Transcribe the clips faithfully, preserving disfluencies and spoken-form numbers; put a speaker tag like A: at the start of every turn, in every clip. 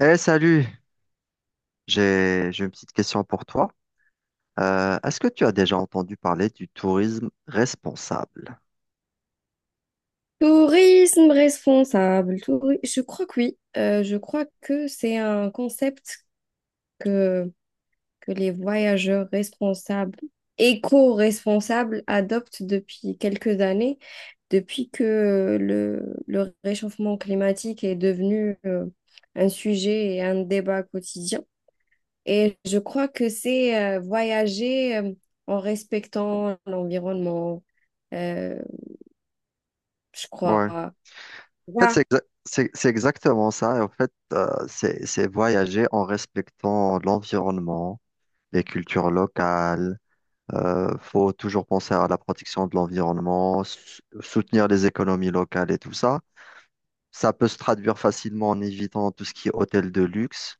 A: Eh salut, j'ai j'ai une petite question pour toi. Euh, est-ce que tu as déjà entendu parler du tourisme responsable?
B: Tourisme responsable, touri- je crois que oui. Euh, je crois que c'est un concept que, que les voyageurs responsables, éco-responsables adoptent depuis quelques années, depuis que le, le réchauffement climatique est devenu euh, un sujet et un débat quotidien. Et je crois que c'est euh, voyager euh, en respectant l'environnement, euh, je crois.
A: Ouais. En fait,
B: Voilà.
A: c'est exa- c'est- c'est exactement ça. Et en fait, euh, c'est c'est voyager en respectant l'environnement, les cultures locales. Euh, faut toujours penser à la protection de l'environnement, sou- soutenir les économies locales et tout ça. Ça peut se traduire facilement en évitant tout ce qui est hôtel de luxe,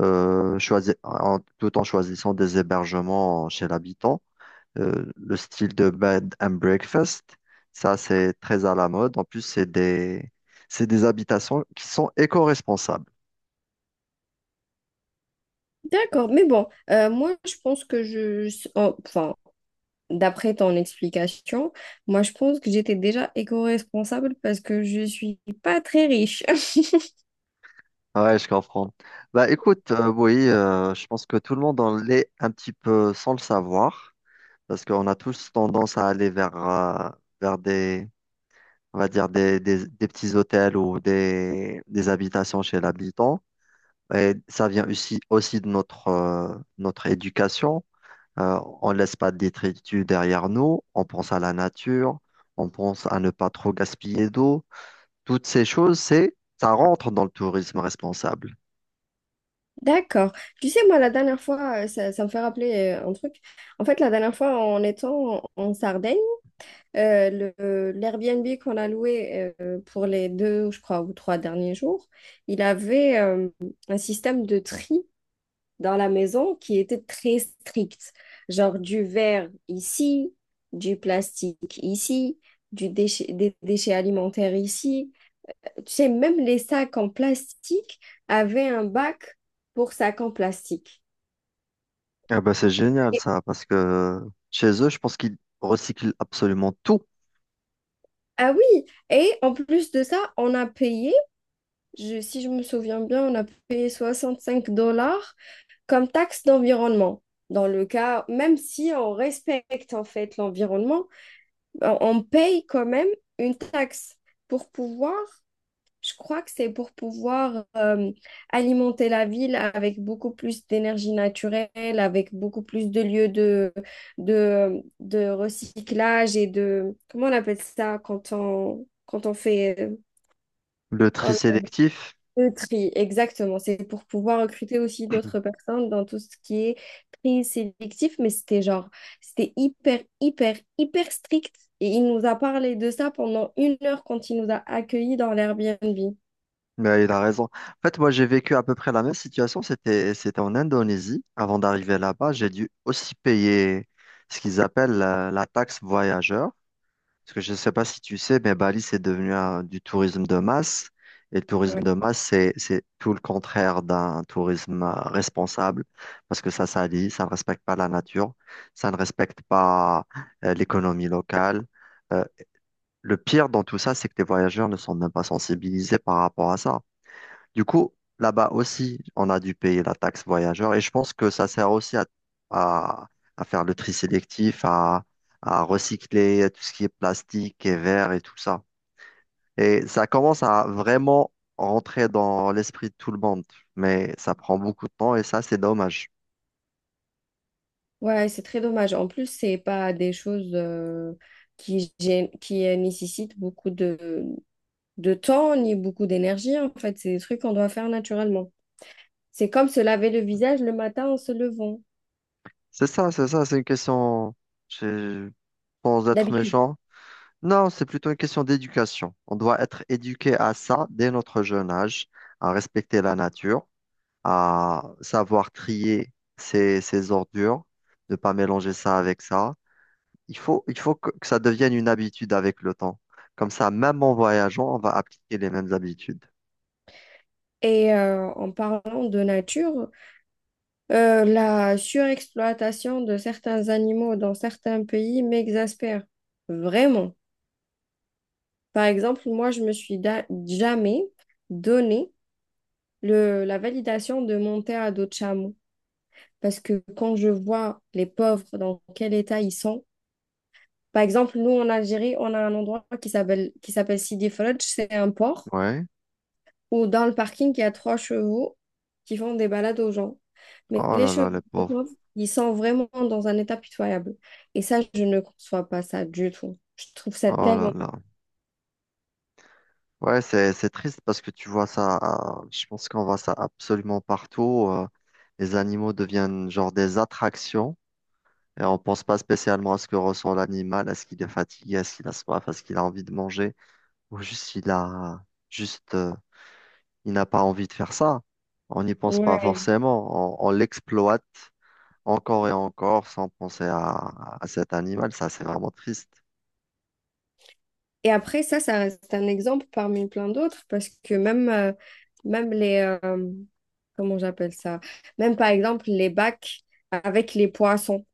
A: euh, choisi- en- tout en choisissant des hébergements chez l'habitant. Euh, le style de bed and breakfast, ça c'est très à la mode. En plus, c'est des, c'est des habitations qui sont éco-responsables.
B: D'accord, mais bon, euh, moi je pense que je, je- en- enfin, d'après ton explication, moi je pense que j'étais déjà éco-responsable parce que je suis pas très riche.
A: Ouais, je comprends. Bah écoute, euh, oui, euh, je pense que tout le monde en l'est un petit peu sans le savoir. Parce qu'on a tous tendance à aller vers, euh, vers des, on va dire des, des, des petits hôtels ou des, des habitations chez l'habitant. Et ça vient aussi, aussi de notre, euh, notre éducation. Euh, on laisse pas de détritus derrière nous. On pense à la nature. On pense à ne pas trop gaspiller d'eau. Toutes ces choses, c'est, ça rentre dans le tourisme responsable.
B: D'accord. Tu sais, moi la dernière fois, euh, ça, ça me fait rappeler euh, un truc. En fait, la dernière fois, en étant en, en Sardaigne, euh, le, euh, l'Airbnb qu'on a loué euh, pour les deux, je crois, ou trois derniers jours, il avait euh, un système de tri. Dans la maison qui était très stricte. Genre du verre ici, du plastique ici, du déchet, des déchets alimentaires ici. Tu sais, même les sacs en plastique avaient un bac pour sacs en plastique.
A: Ah ben, c'est génial
B: Et-
A: ça, parce que chez eux, je pense qu'ils recyclent absolument tout.
B: ah oui, et en plus de ça, on a payé, je- si je me souviens bien, on a payé soixante-cinq dollars comme taxe d'environnement. Dans le cas, même si on respecte en fait l'environnement, on on paye quand même une taxe pour pouvoir, je crois que c'est pour pouvoir euh, alimenter la ville avec beaucoup plus d'énergie naturelle, avec beaucoup plus de lieux de, de, de recyclage et de, comment on appelle ça quand on, quand on fait, euh,
A: Le tri sélectif.
B: le tri, exactement. C'est pour pouvoir recruter aussi d'autres personnes dans tout ce qui est tri sélectif, mais c'était genre, c'était hyper, hyper, hyper strict. Et il nous a parlé de ça pendant une heure quand il nous a accueillis dans l'Airbnb.
A: Mais il a raison. En fait, moi, j'ai vécu à peu près la même situation. C'était, c'était en Indonésie. Avant d'arriver là-bas, j'ai dû aussi payer ce qu'ils appellent la, la taxe voyageur. Parce que je ne sais pas si tu sais, mais Bali, c'est devenu un- du tourisme de masse. Et le tourisme
B: Ouais,
A: de masse, c'est, c'est tout le contraire d'un tourisme euh, responsable. Parce que ça salit, ça ne respecte pas la nature, ça ne respecte pas euh, l'économie locale. Euh, le pire dans tout ça, c'est que les voyageurs ne sont même pas sensibilisés par rapport à ça. Du coup, là-bas aussi, on a dû payer la taxe voyageur et je pense que ça sert aussi à, à, à faire le tri sélectif, à, à recycler tout ce qui est plastique et verre et tout ça. Et ça commence à vraiment rentrer dans l'esprit de tout le monde, mais ça prend beaucoup de temps et ça, c'est dommage.
B: ouais, c'est très dommage. En plus, c'est pas des choses euh, qui, gê- qui euh, nécessitent beaucoup de, de temps ni beaucoup d'énergie. En fait, c'est des trucs qu'on doit faire naturellement. C'est comme se laver le visage le matin en se levant.
A: C'est ça, c'est ça, c'est une question, je- sans être
B: D'habitude.
A: méchant. Non, c'est plutôt une question d'éducation. On doit être éduqué à ça dès notre jeune âge, à respecter la nature, à savoir trier ses, ses ordures, ne pas mélanger ça avec ça. Il faut, il faut que, que ça devienne une habitude avec le temps. Comme ça, même en voyageant, on va appliquer les mêmes habitudes.
B: Et euh, en parlant de nature, euh, la surexploitation de certains animaux dans certains pays m'exaspère vraiment. Par exemple, moi, je me suis da- jamais donné le- la validation de monter à dos de chameau. Parce que quand je vois les pauvres, dans quel état ils sont, par exemple, nous en Algérie, on a un endroit qui s'appelle qui s'appelle Sidi Fredj, c'est un port.
A: Ouais.
B: Ou dans le parking, il y a trois chevaux qui font des balades aux gens. Mais
A: Oh
B: les
A: là là,
B: chevaux,
A: les
B: les
A: pauvres.
B: pauvres, ils sont vraiment dans un état pitoyable. Et ça, je ne conçois pas ça du tout. Je trouve ça
A: Oh là
B: tellement.
A: là. Ouais, c'est, c'est triste parce que tu vois ça, euh, je pense qu'on voit ça absolument partout. Euh, les animaux deviennent genre des attractions et on pense pas spécialement à ce que ressent l'animal, à ce qu'il est fatigué, à ce qu'il a soif, à ce qu'il a envie de manger, ou juste il a juste euh, il n'a pas envie de faire ça. On n'y pense pas
B: Ouais.
A: forcément. On, on l'exploite encore et encore sans penser à, à cet animal. Ça, c'est vraiment triste.
B: Et après, ça, ça reste un exemple parmi plein d'autres parce que même, euh, même les... euh, comment j'appelle ça? Même par exemple, les bacs avec les poissons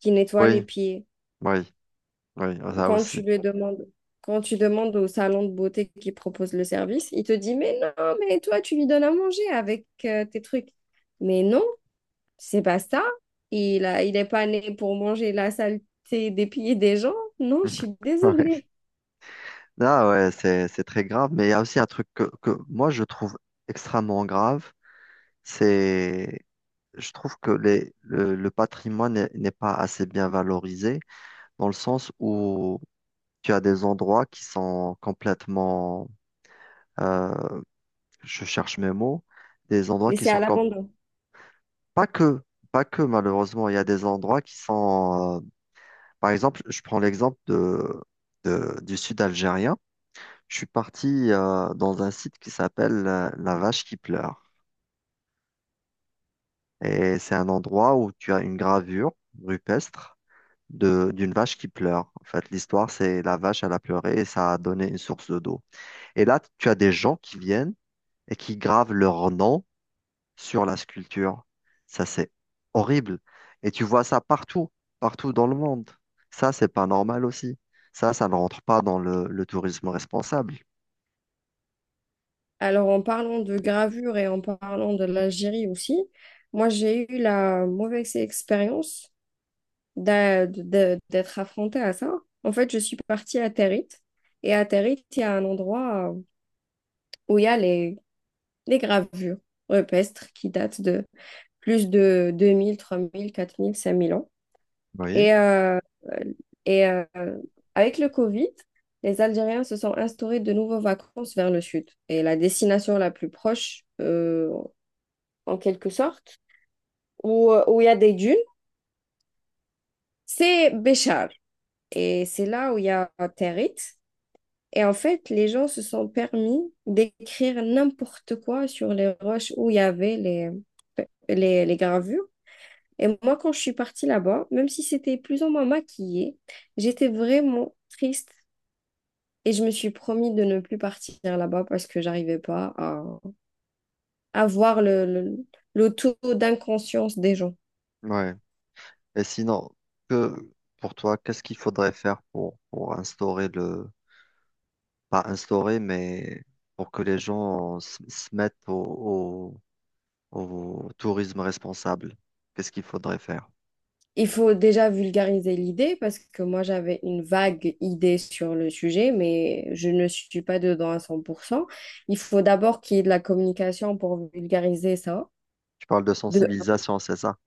B: qui nettoient les
A: Oui,
B: pieds.
A: oui, oui, ça
B: quand
A: aussi.
B: tu lui demandes, Quand tu demandes au salon de beauté qui propose le service, il te dit, mais non, mais toi, tu lui donnes à manger avec euh, tes trucs. Mais non, c'est pas ça. Il a, il est pas né pour manger la saleté des pieds des gens. Non, je suis
A: Ouais.
B: désolée.
A: Ah ouais, c'est, c'est très grave. Mais il y a aussi un truc que, que moi, je trouve extrêmement grave. C'est, je trouve que les, le, le patrimoine n'est n'est pas assez bien valorisé dans le sens où tu as des endroits qui sont complètement euh, je cherche mes mots, des endroits qui
B: Laissé
A: sont
B: à
A: comme,
B: l'abandon.
A: pas que, pas que malheureusement, il y a des endroits qui sont, euh, par exemple, je prends l'exemple de, de- du sud algérien. Je suis parti euh, dans un site qui s'appelle euh, La Vache qui pleure. Et c'est un endroit où tu as une gravure rupestre de, d'une vache qui pleure. En fait, l'histoire, c'est la vache, elle a pleuré et ça a donné une source d'eau. Et là, tu as des gens qui viennent et qui gravent leur nom sur la sculpture. Ça, c'est horrible. Et tu vois ça partout, partout dans le monde. Ça, c'est pas normal aussi. Ça, ça ne rentre pas dans le, le tourisme responsable.
B: Alors, en parlant de gravure et en parlant de l'Algérie aussi, moi, j'ai eu la mauvaise expérience d'a- de- d'être affrontée à ça. En fait, je suis partie à Territ. Et à Territ, il y a un endroit euh, où il y a les, les gravures rupestres qui datent de plus de deux mille, mille, trois mille, quatre mille, cinq mille ans.
A: Oui,
B: Et, euh, et euh, Avec le Covid, les Algériens se sont instaurés de nouveaux vacances vers le sud. Et la destination la plus proche, euh, en quelque sorte, où, où il y a des dunes, c'est Béchar. Et c'est là où il y a Territ. Et en fait, les gens se sont permis d'écrire n'importe quoi sur les roches où il y avait les, les, les gravures. Et moi, quand je suis partie là-bas, même si c'était plus ou moins maquillé, j'étais vraiment triste. Et je me suis promis de ne plus partir là-bas parce que j'arrivais pas à, à voir le, le, le taux d'inconscience des gens.
A: ouais. Et sinon, que pour toi, qu'est-ce qu'il faudrait faire pour, pour instaurer le, pas instaurer, mais pour que les gens se, se mettent au, au tourisme responsable? Qu'est-ce qu'il faudrait faire?
B: Il faut déjà vulgariser l'idée parce que moi j'avais une vague idée sur le sujet, mais je ne suis pas dedans à cent pour cent. Il faut d'abord qu'il y ait de la communication pour vulgariser ça.
A: Tu parles de
B: De, un.
A: sensibilisation, c'est ça?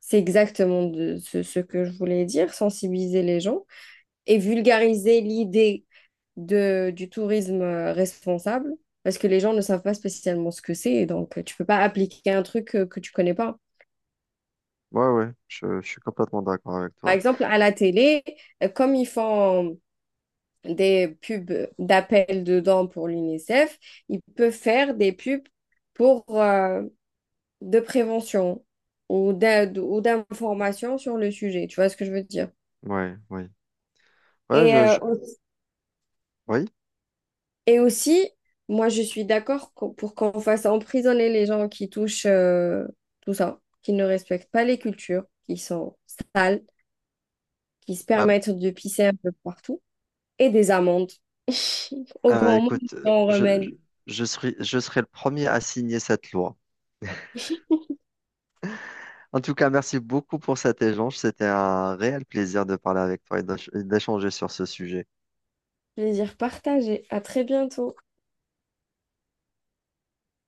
B: C'est exactement de, ce, ce que je voulais dire, sensibiliser les gens et vulgariser l'idée de, du tourisme euh, responsable parce que les gens ne savent pas spécialement ce que c'est, donc euh, tu peux pas appliquer un truc euh, que tu connais pas.
A: Ouais, ouais, je, je suis complètement d'accord avec
B: Par
A: toi.
B: exemple, à la télé, euh, comme ils font des pubs d'appel dedans pour l'UNICEF, il peut faire des pubs pour euh, de prévention ou d'aide ou d'information sur le sujet. Tu vois ce que je veux dire?
A: Ouais, oui. Ouais,
B: Et,
A: je,
B: euh,
A: je-
B: aussi-
A: oui.
B: et aussi, moi, je suis d'accord qu'on- pour qu'on fasse emprisonner les gens qui touchent euh, tout ça, qui ne respectent pas les cultures, qui sont sales, qui se
A: Ah,
B: permettent de pisser un peu partout, et des amendes. Au
A: ah,
B: grand monde,
A: écoute,
B: on
A: je,
B: remède.
A: je je serai, je serai le premier à signer cette loi. En tout cas, merci beaucoup pour cet échange. C'était un réel plaisir de parler avec toi et d'éch- et d'échanger sur ce sujet.
B: Plaisir partagé. À très bientôt.